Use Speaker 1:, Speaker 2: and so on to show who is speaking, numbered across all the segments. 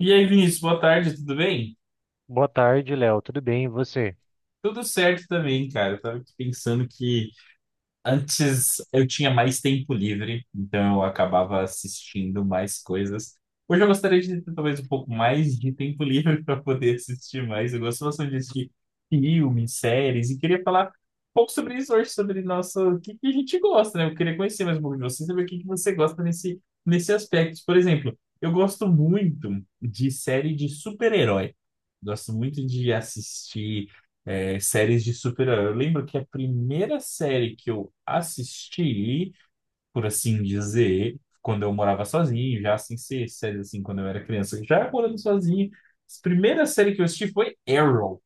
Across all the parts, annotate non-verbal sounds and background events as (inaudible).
Speaker 1: E aí, Vinícius, boa tarde, tudo bem?
Speaker 2: Boa tarde, Léo. Tudo bem, e você?
Speaker 1: Tudo certo também, cara. Eu tava aqui pensando que antes eu tinha mais tempo livre, então eu acabava assistindo mais coisas. Hoje eu gostaria de ter talvez um pouco mais de tempo livre (laughs) para poder assistir mais. Eu gosto bastante de assistir filmes, séries, e queria falar um pouco sobre isso hoje, sobre nossa, o que que a gente gosta, né? Eu queria conhecer mais um pouco de você, saber o que que você gosta nesse aspecto. Por exemplo, eu gosto muito de série de super-herói. Gosto muito de assistir séries de super-herói. Eu lembro que a primeira série que eu assisti, por assim dizer, quando eu morava sozinho, já sem ser séries assim, quando eu era criança, já morando sozinho, a primeira série que eu assisti foi Arrow,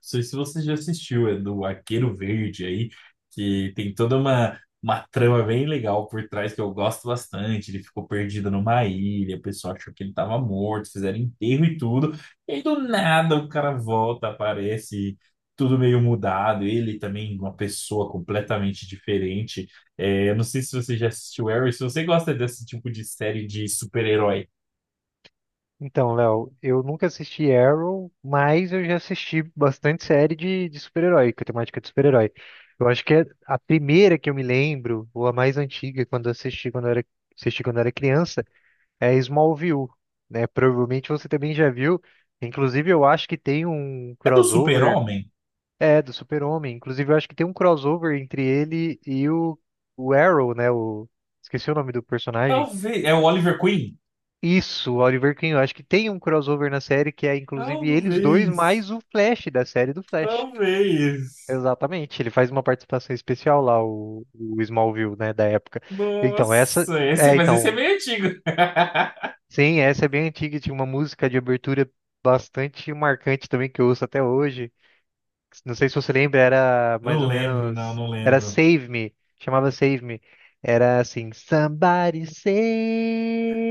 Speaker 1: sei se você já assistiu, é do Arqueiro Verde aí, que tem toda uma trama bem legal por trás que eu gosto bastante. Ele ficou perdido numa ilha, o pessoal achou que ele estava morto, fizeram enterro e tudo. E aí do nada o cara volta, aparece tudo meio mudado. Ele também, uma pessoa completamente diferente. É, eu não sei se você já assistiu Arrow, se você gosta desse tipo de série de super-herói.
Speaker 2: Então, Léo, eu nunca assisti Arrow, mas eu já assisti bastante série de super-herói, com temática de super-herói. Eu acho que é a primeira que eu me lembro, ou a mais antiga, quando eu assisti quando eu era, assisti quando eu era criança, é Smallville, né? Provavelmente você também já viu. Inclusive, eu acho que tem um
Speaker 1: É do
Speaker 2: crossover,
Speaker 1: Super-Homem?
Speaker 2: é, do Super-Homem. Inclusive, eu acho que tem um crossover entre ele e o Arrow, né? Esqueci o nome do personagem.
Speaker 1: Talvez. É o Oliver Queen?
Speaker 2: Isso, o Oliver Queen, eu acho que tem um crossover na série que é inclusive eles dois
Speaker 1: Talvez.
Speaker 2: mais o Flash da série do Flash.
Speaker 1: Talvez.
Speaker 2: Exatamente, ele faz uma participação especial lá, o Smallville, né, da época. Então,
Speaker 1: Nossa, esse, mas esse é meio antigo. (laughs)
Speaker 2: sim, essa é bem antiga, e tinha uma música de abertura bastante marcante também que eu ouço até hoje. Não sei se você lembra, era mais
Speaker 1: Não
Speaker 2: ou
Speaker 1: lembro, não,
Speaker 2: menos,
Speaker 1: não
Speaker 2: era
Speaker 1: lembro.
Speaker 2: Save Me, chamava Save Me. Era assim, Somebody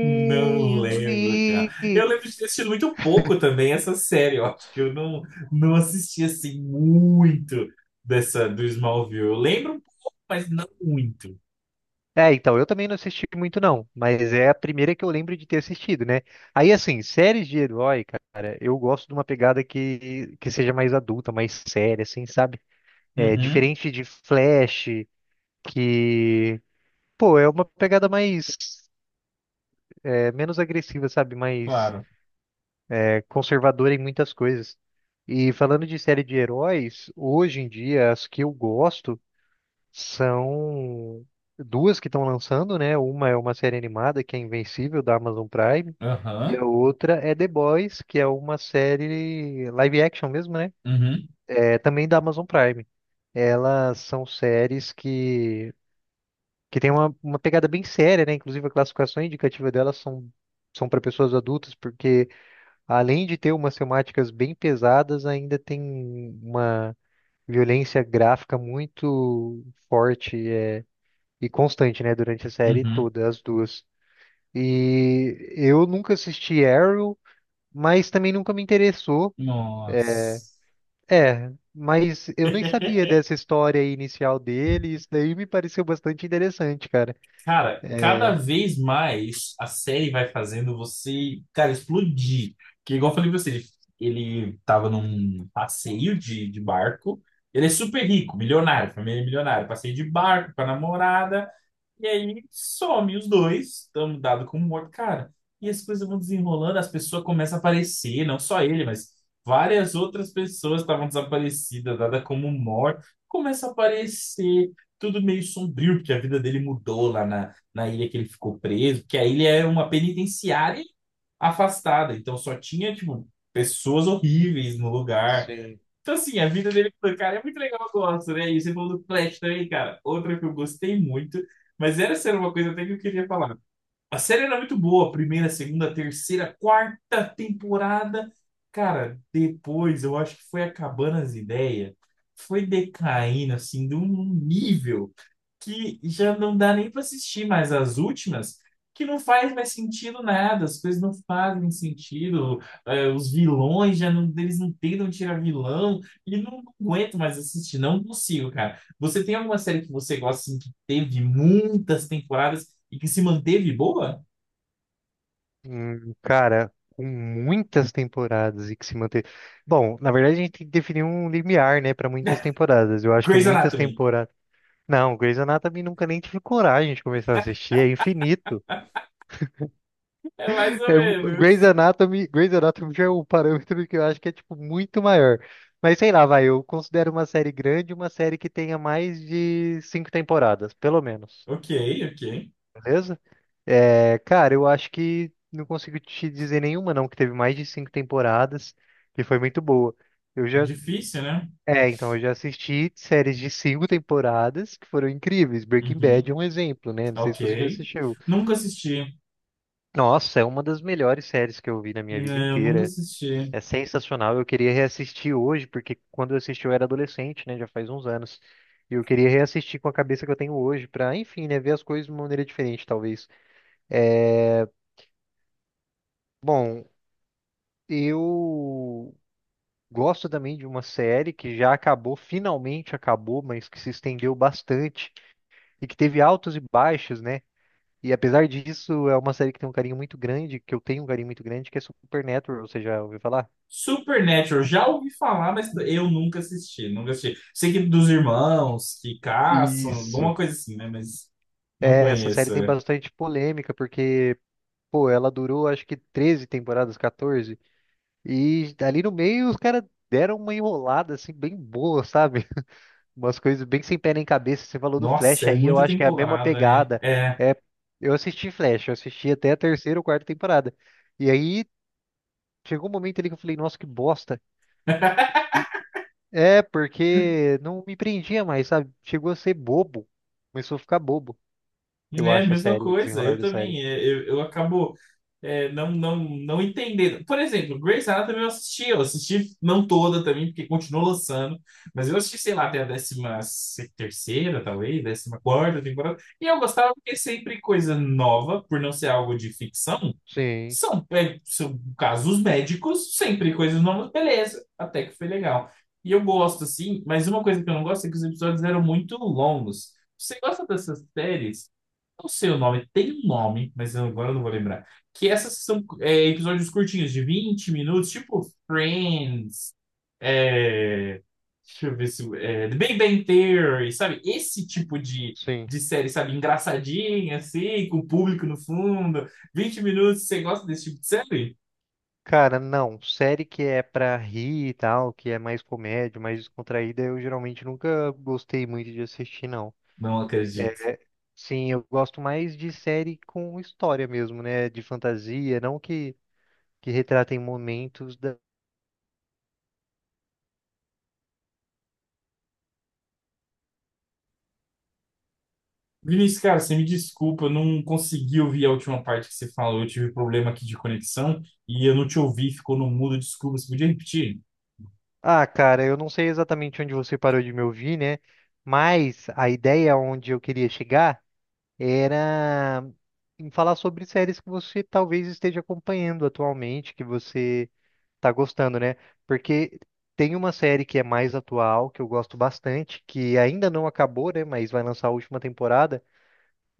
Speaker 1: Não lembro, cara.
Speaker 2: me.
Speaker 1: Eu lembro de ter assistido muito pouco também essa série. Eu acho que eu não, não assisti assim muito dessa do Smallville. Eu lembro um pouco, mas não muito.
Speaker 2: É, então, eu também não assisti muito não, mas é a primeira que eu lembro de ter assistido, né? Aí, assim, séries de herói, cara, eu gosto de uma pegada que seja mais adulta, mais séria, assim, sabe? É,
Speaker 1: Uhum,
Speaker 2: diferente de Flash, que, pô, é uma pegada mais, menos agressiva, sabe? Mais,
Speaker 1: claro.
Speaker 2: conservadora em muitas coisas. E falando de série de heróis, hoje em dia, as que eu gosto são duas que estão lançando, né? Uma é uma série animada que é Invencível da Amazon Prime, e
Speaker 1: Aham,
Speaker 2: a outra é The Boys, que é uma série live action mesmo, né?
Speaker 1: uhum,
Speaker 2: É também da Amazon Prime. Elas são séries que tem uma pegada bem séria, né? Inclusive a classificação indicativa delas são para pessoas adultas, porque além de ter umas temáticas bem pesadas, ainda tem uma violência gráfica muito forte, e constante, né? Durante a série
Speaker 1: uhum,
Speaker 2: toda, as duas. E eu nunca assisti Arrow, mas também nunca me interessou. É,
Speaker 1: nossa.
Speaker 2: mas eu nem
Speaker 1: (laughs)
Speaker 2: sabia dessa história inicial dele, e isso daí me pareceu bastante interessante, cara.
Speaker 1: Cara, cada
Speaker 2: É,
Speaker 1: vez mais a série vai fazendo você, cara, explodir. Que igual eu falei pra você, ele tava num passeio de barco. Ele é super rico, milionário, família milionária. Passeio de barco com a namorada. E aí some os dois, estamos dado como morto, cara. E as coisas vão desenrolando, as pessoas começam a aparecer, não só ele, mas várias outras pessoas estavam desaparecidas, dada como morta, começa a aparecer, tudo meio sombrio, porque a vida dele mudou lá na ilha que ele ficou preso, que a ilha era uma penitenciária afastada, então só tinha, tipo, pessoas horríveis no lugar.
Speaker 2: sim.
Speaker 1: Então, assim, a vida dele com o cara é muito legal, eu gosto, né? E você falou do Flash também, cara. Outra que eu gostei muito, mas era sério uma coisa até que eu queria falar. A série era muito boa, primeira, segunda, terceira, quarta temporada. Cara, depois eu acho que foi acabando as ideias, foi decaindo, assim, de um nível que já não dá nem para assistir mais as últimas, que não faz mais sentido nada, as coisas não fazem sentido, os vilões já não, eles não tentam tirar vilão, e não, não aguento mais assistir, não consigo, cara. Você tem alguma série que você gosta, assim, que teve muitas temporadas e que se manteve boa?
Speaker 2: Hum, cara, com muitas temporadas e que se manter. Bom, na verdade a gente tem que definir um limiar, né, para muitas temporadas. Eu
Speaker 1: (laughs)
Speaker 2: acho que
Speaker 1: Grey's
Speaker 2: muitas
Speaker 1: Anatomy.
Speaker 2: temporadas. Não, Grey's Anatomy nunca nem tive coragem de começar a assistir, é infinito.
Speaker 1: É mais ou
Speaker 2: É, o Grey's
Speaker 1: menos.
Speaker 2: Anatomy, Grey's Anatomy já é um parâmetro que eu acho que é tipo muito maior. Mas sei lá, vai, eu considero uma série grande uma série que tenha mais de cinco temporadas, pelo menos.
Speaker 1: Ok, ok.
Speaker 2: Beleza? É, cara, eu acho que não consigo te dizer nenhuma, não, que teve mais de cinco temporadas, que foi muito boa. Eu já,
Speaker 1: Difícil, né?
Speaker 2: eu já assisti séries de cinco temporadas que foram incríveis. Breaking Bad
Speaker 1: Uhum.
Speaker 2: é um exemplo, né? Não sei
Speaker 1: Ok.
Speaker 2: se você já assistiu.
Speaker 1: Nunca assisti.
Speaker 2: Nossa, é uma das melhores séries que eu vi na minha vida
Speaker 1: Não, eu nunca
Speaker 2: inteira.
Speaker 1: assisti.
Speaker 2: É sensacional. Eu queria reassistir hoje, porque quando eu assisti eu era adolescente, né? Já faz uns anos. E eu queria reassistir com a cabeça que eu tenho hoje, pra, enfim, né? Ver as coisas de uma maneira diferente, talvez. Bom, eu gosto também de uma série que já acabou, finalmente acabou, mas que se estendeu bastante e que teve altos e baixos, né? E apesar disso, é uma série que tem um carinho muito grande, que eu tenho um carinho muito grande, que é Supernatural. Você já ouviu falar?
Speaker 1: Supernatural, já ouvi falar, mas eu nunca assisti, nunca assisti. Sei que dos irmãos que caçam, alguma
Speaker 2: Isso.
Speaker 1: coisa assim, né? Mas não
Speaker 2: É, essa série
Speaker 1: conheço.
Speaker 2: tem
Speaker 1: É.
Speaker 2: bastante polêmica, porque, pô, ela durou acho que 13 temporadas, 14. E ali no meio os caras deram uma enrolada assim bem boa, sabe? (laughs) Umas coisas bem sem pé nem cabeça. Você falou do
Speaker 1: Nossa,
Speaker 2: Flash
Speaker 1: é
Speaker 2: aí, eu
Speaker 1: muita
Speaker 2: acho que é a mesma
Speaker 1: temporada, né?
Speaker 2: pegada.
Speaker 1: É,
Speaker 2: É, eu assisti Flash, eu assisti até a terceira ou quarta temporada. E aí chegou um momento ali que eu falei, nossa, que bosta. E porque não me prendia mais, sabe? Chegou a ser bobo. Começou a ficar bobo, eu
Speaker 1: né?
Speaker 2: acho, a
Speaker 1: Mesma
Speaker 2: série, o
Speaker 1: coisa,
Speaker 2: desenrolar
Speaker 1: eu
Speaker 2: da série.
Speaker 1: também. Eu acabo não, não entendendo. Por exemplo, Grey's Anatomy eu assisti não toda também, porque continua lançando, mas eu assisti, sei lá, até a 13ª, talvez, 14ª temporada, e eu gostava porque é sempre coisa nova, por não ser algo de ficção.
Speaker 2: Sim,
Speaker 1: São casos médicos, sempre coisas novas, beleza, até que foi legal. E eu gosto, assim, mas uma coisa que eu não gosto é que os episódios eram muito longos. Você gosta dessas séries, não sei o nome, tem um nome, mas eu agora não vou lembrar. Que essas são episódios curtinhos, de 20 minutos, tipo Friends, é, deixa eu ver se. É, The Big Bang Theory, sabe? Esse tipo de,
Speaker 2: sim.
Speaker 1: de série, sabe? Engraçadinha, assim, com o público no fundo. 20 minutos, você gosta desse tipo de série?
Speaker 2: Cara, não. Série que é pra rir e tal, que é mais comédia, mais descontraída, eu geralmente nunca gostei muito de assistir, não.
Speaker 1: Não acredito.
Speaker 2: É, sim, eu gosto mais de série com história mesmo, né? De fantasia, não que retratem momentos da.
Speaker 1: Vinícius, cara, você me desculpa, eu não consegui ouvir a última parte que você falou. Eu tive problema aqui de conexão e eu não te ouvi, ficou no mudo. Desculpa, você podia repetir?
Speaker 2: Ah, cara, eu não sei exatamente onde você parou de me ouvir, né? Mas a ideia onde eu queria chegar era em falar sobre séries que você talvez esteja acompanhando atualmente, que você tá gostando, né? Porque tem uma série que é mais atual, que eu gosto bastante, que ainda não acabou, né? Mas vai lançar a última temporada.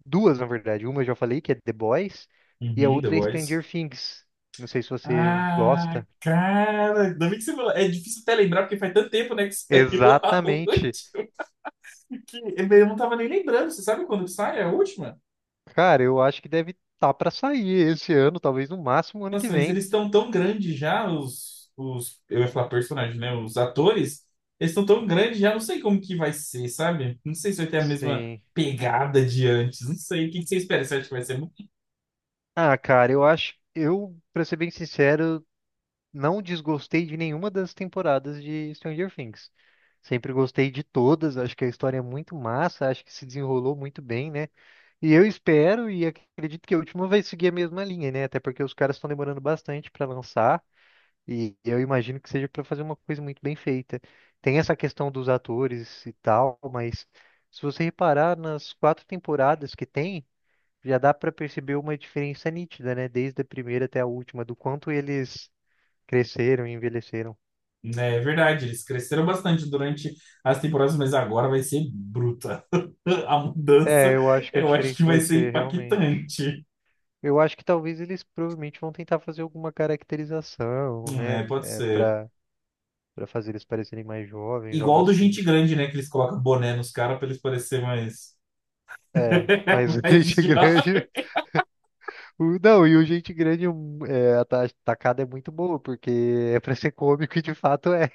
Speaker 2: Duas, na verdade. Uma eu já falei, que é The Boys, e a
Speaker 1: Uhum, The
Speaker 2: outra é
Speaker 1: Voice.
Speaker 2: Stranger Things. Não sei se você
Speaker 1: Ah,
Speaker 2: gosta.
Speaker 1: cara, ainda bem que você falou. É difícil até lembrar, porque faz tanto tempo, né, que (laughs) saiu a última.
Speaker 2: Exatamente.
Speaker 1: Que eu não tava nem lembrando. Você sabe quando que sai a última?
Speaker 2: Cara, eu acho que deve estar pra sair esse ano, talvez no máximo ano que
Speaker 1: Nossa, mas
Speaker 2: vem.
Speaker 1: eles estão tão grandes já, eu ia falar personagens, né? Os atores. Eles estão tão grandes já, não sei como que vai ser, sabe? Não sei se vai ter a mesma
Speaker 2: Sim.
Speaker 1: pegada de antes. Não sei. O que que você espera? Você acha que vai ser...
Speaker 2: Ah, cara, eu acho, pra ser bem sincero, não desgostei de nenhuma das temporadas de Stranger Things. Sempre gostei de todas, acho que a história é muito massa, acho que se desenrolou muito bem, né? E eu espero e acredito que a última vai seguir a mesma linha, né? Até porque os caras estão demorando bastante para lançar e eu imagino que seja para fazer uma coisa muito bem feita. Tem essa questão dos atores e tal, mas se você reparar nas quatro temporadas que tem, já dá para perceber uma diferença nítida, né? Desde a primeira até a última, do quanto eles cresceram e envelheceram.
Speaker 1: É verdade, eles cresceram bastante durante as temporadas, mas agora vai ser bruta. (laughs) A
Speaker 2: É,
Speaker 1: mudança,
Speaker 2: eu acho que a
Speaker 1: eu acho que
Speaker 2: diferença
Speaker 1: vai
Speaker 2: vai
Speaker 1: ser
Speaker 2: ser realmente.
Speaker 1: impactante.
Speaker 2: Eu acho que talvez eles provavelmente vão tentar fazer alguma caracterização, né?
Speaker 1: É, pode
Speaker 2: É,
Speaker 1: ser.
Speaker 2: pra, fazer eles parecerem mais jovens, algo
Speaker 1: Igual do
Speaker 2: assim.
Speaker 1: Gente Grande, né? Que eles colocam boné nos caras pra eles parecerem mais.
Speaker 2: É, mas o
Speaker 1: (laughs)
Speaker 2: (laughs)
Speaker 1: Mais
Speaker 2: gente
Speaker 1: jovens.
Speaker 2: grande. Não, e o gente grande, a tacada é muito boa, porque é pra ser cômico e de fato é.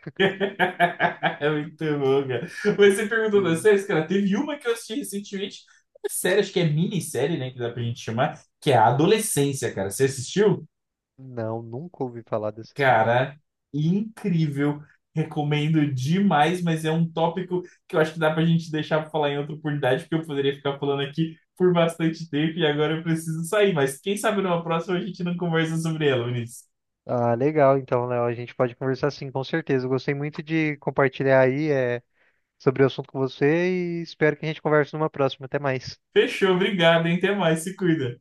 Speaker 1: (laughs) É muito bom, cara. Mas você perguntou das
Speaker 2: Sim.
Speaker 1: séries, cara, teve uma que eu assisti recentemente, uma série, acho que é minissérie, né? Que dá pra gente chamar, que é a Adolescência, cara. Você assistiu?
Speaker 2: Não, nunca ouvi falar dessa série.
Speaker 1: Cara, incrível. Recomendo demais, mas é um tópico que eu acho que dá pra gente deixar pra falar em outra oportunidade, porque eu poderia ficar falando aqui por bastante tempo e agora eu preciso sair. Mas quem sabe numa próxima a gente não conversa sobre ela, Vinícius.
Speaker 2: Ah, legal, então, Léo, a gente pode conversar sim, com certeza. Eu gostei muito de compartilhar aí, sobre o assunto com você e espero que a gente converse numa próxima. Até mais.
Speaker 1: Fechou, obrigado, hein? Até mais, se cuida.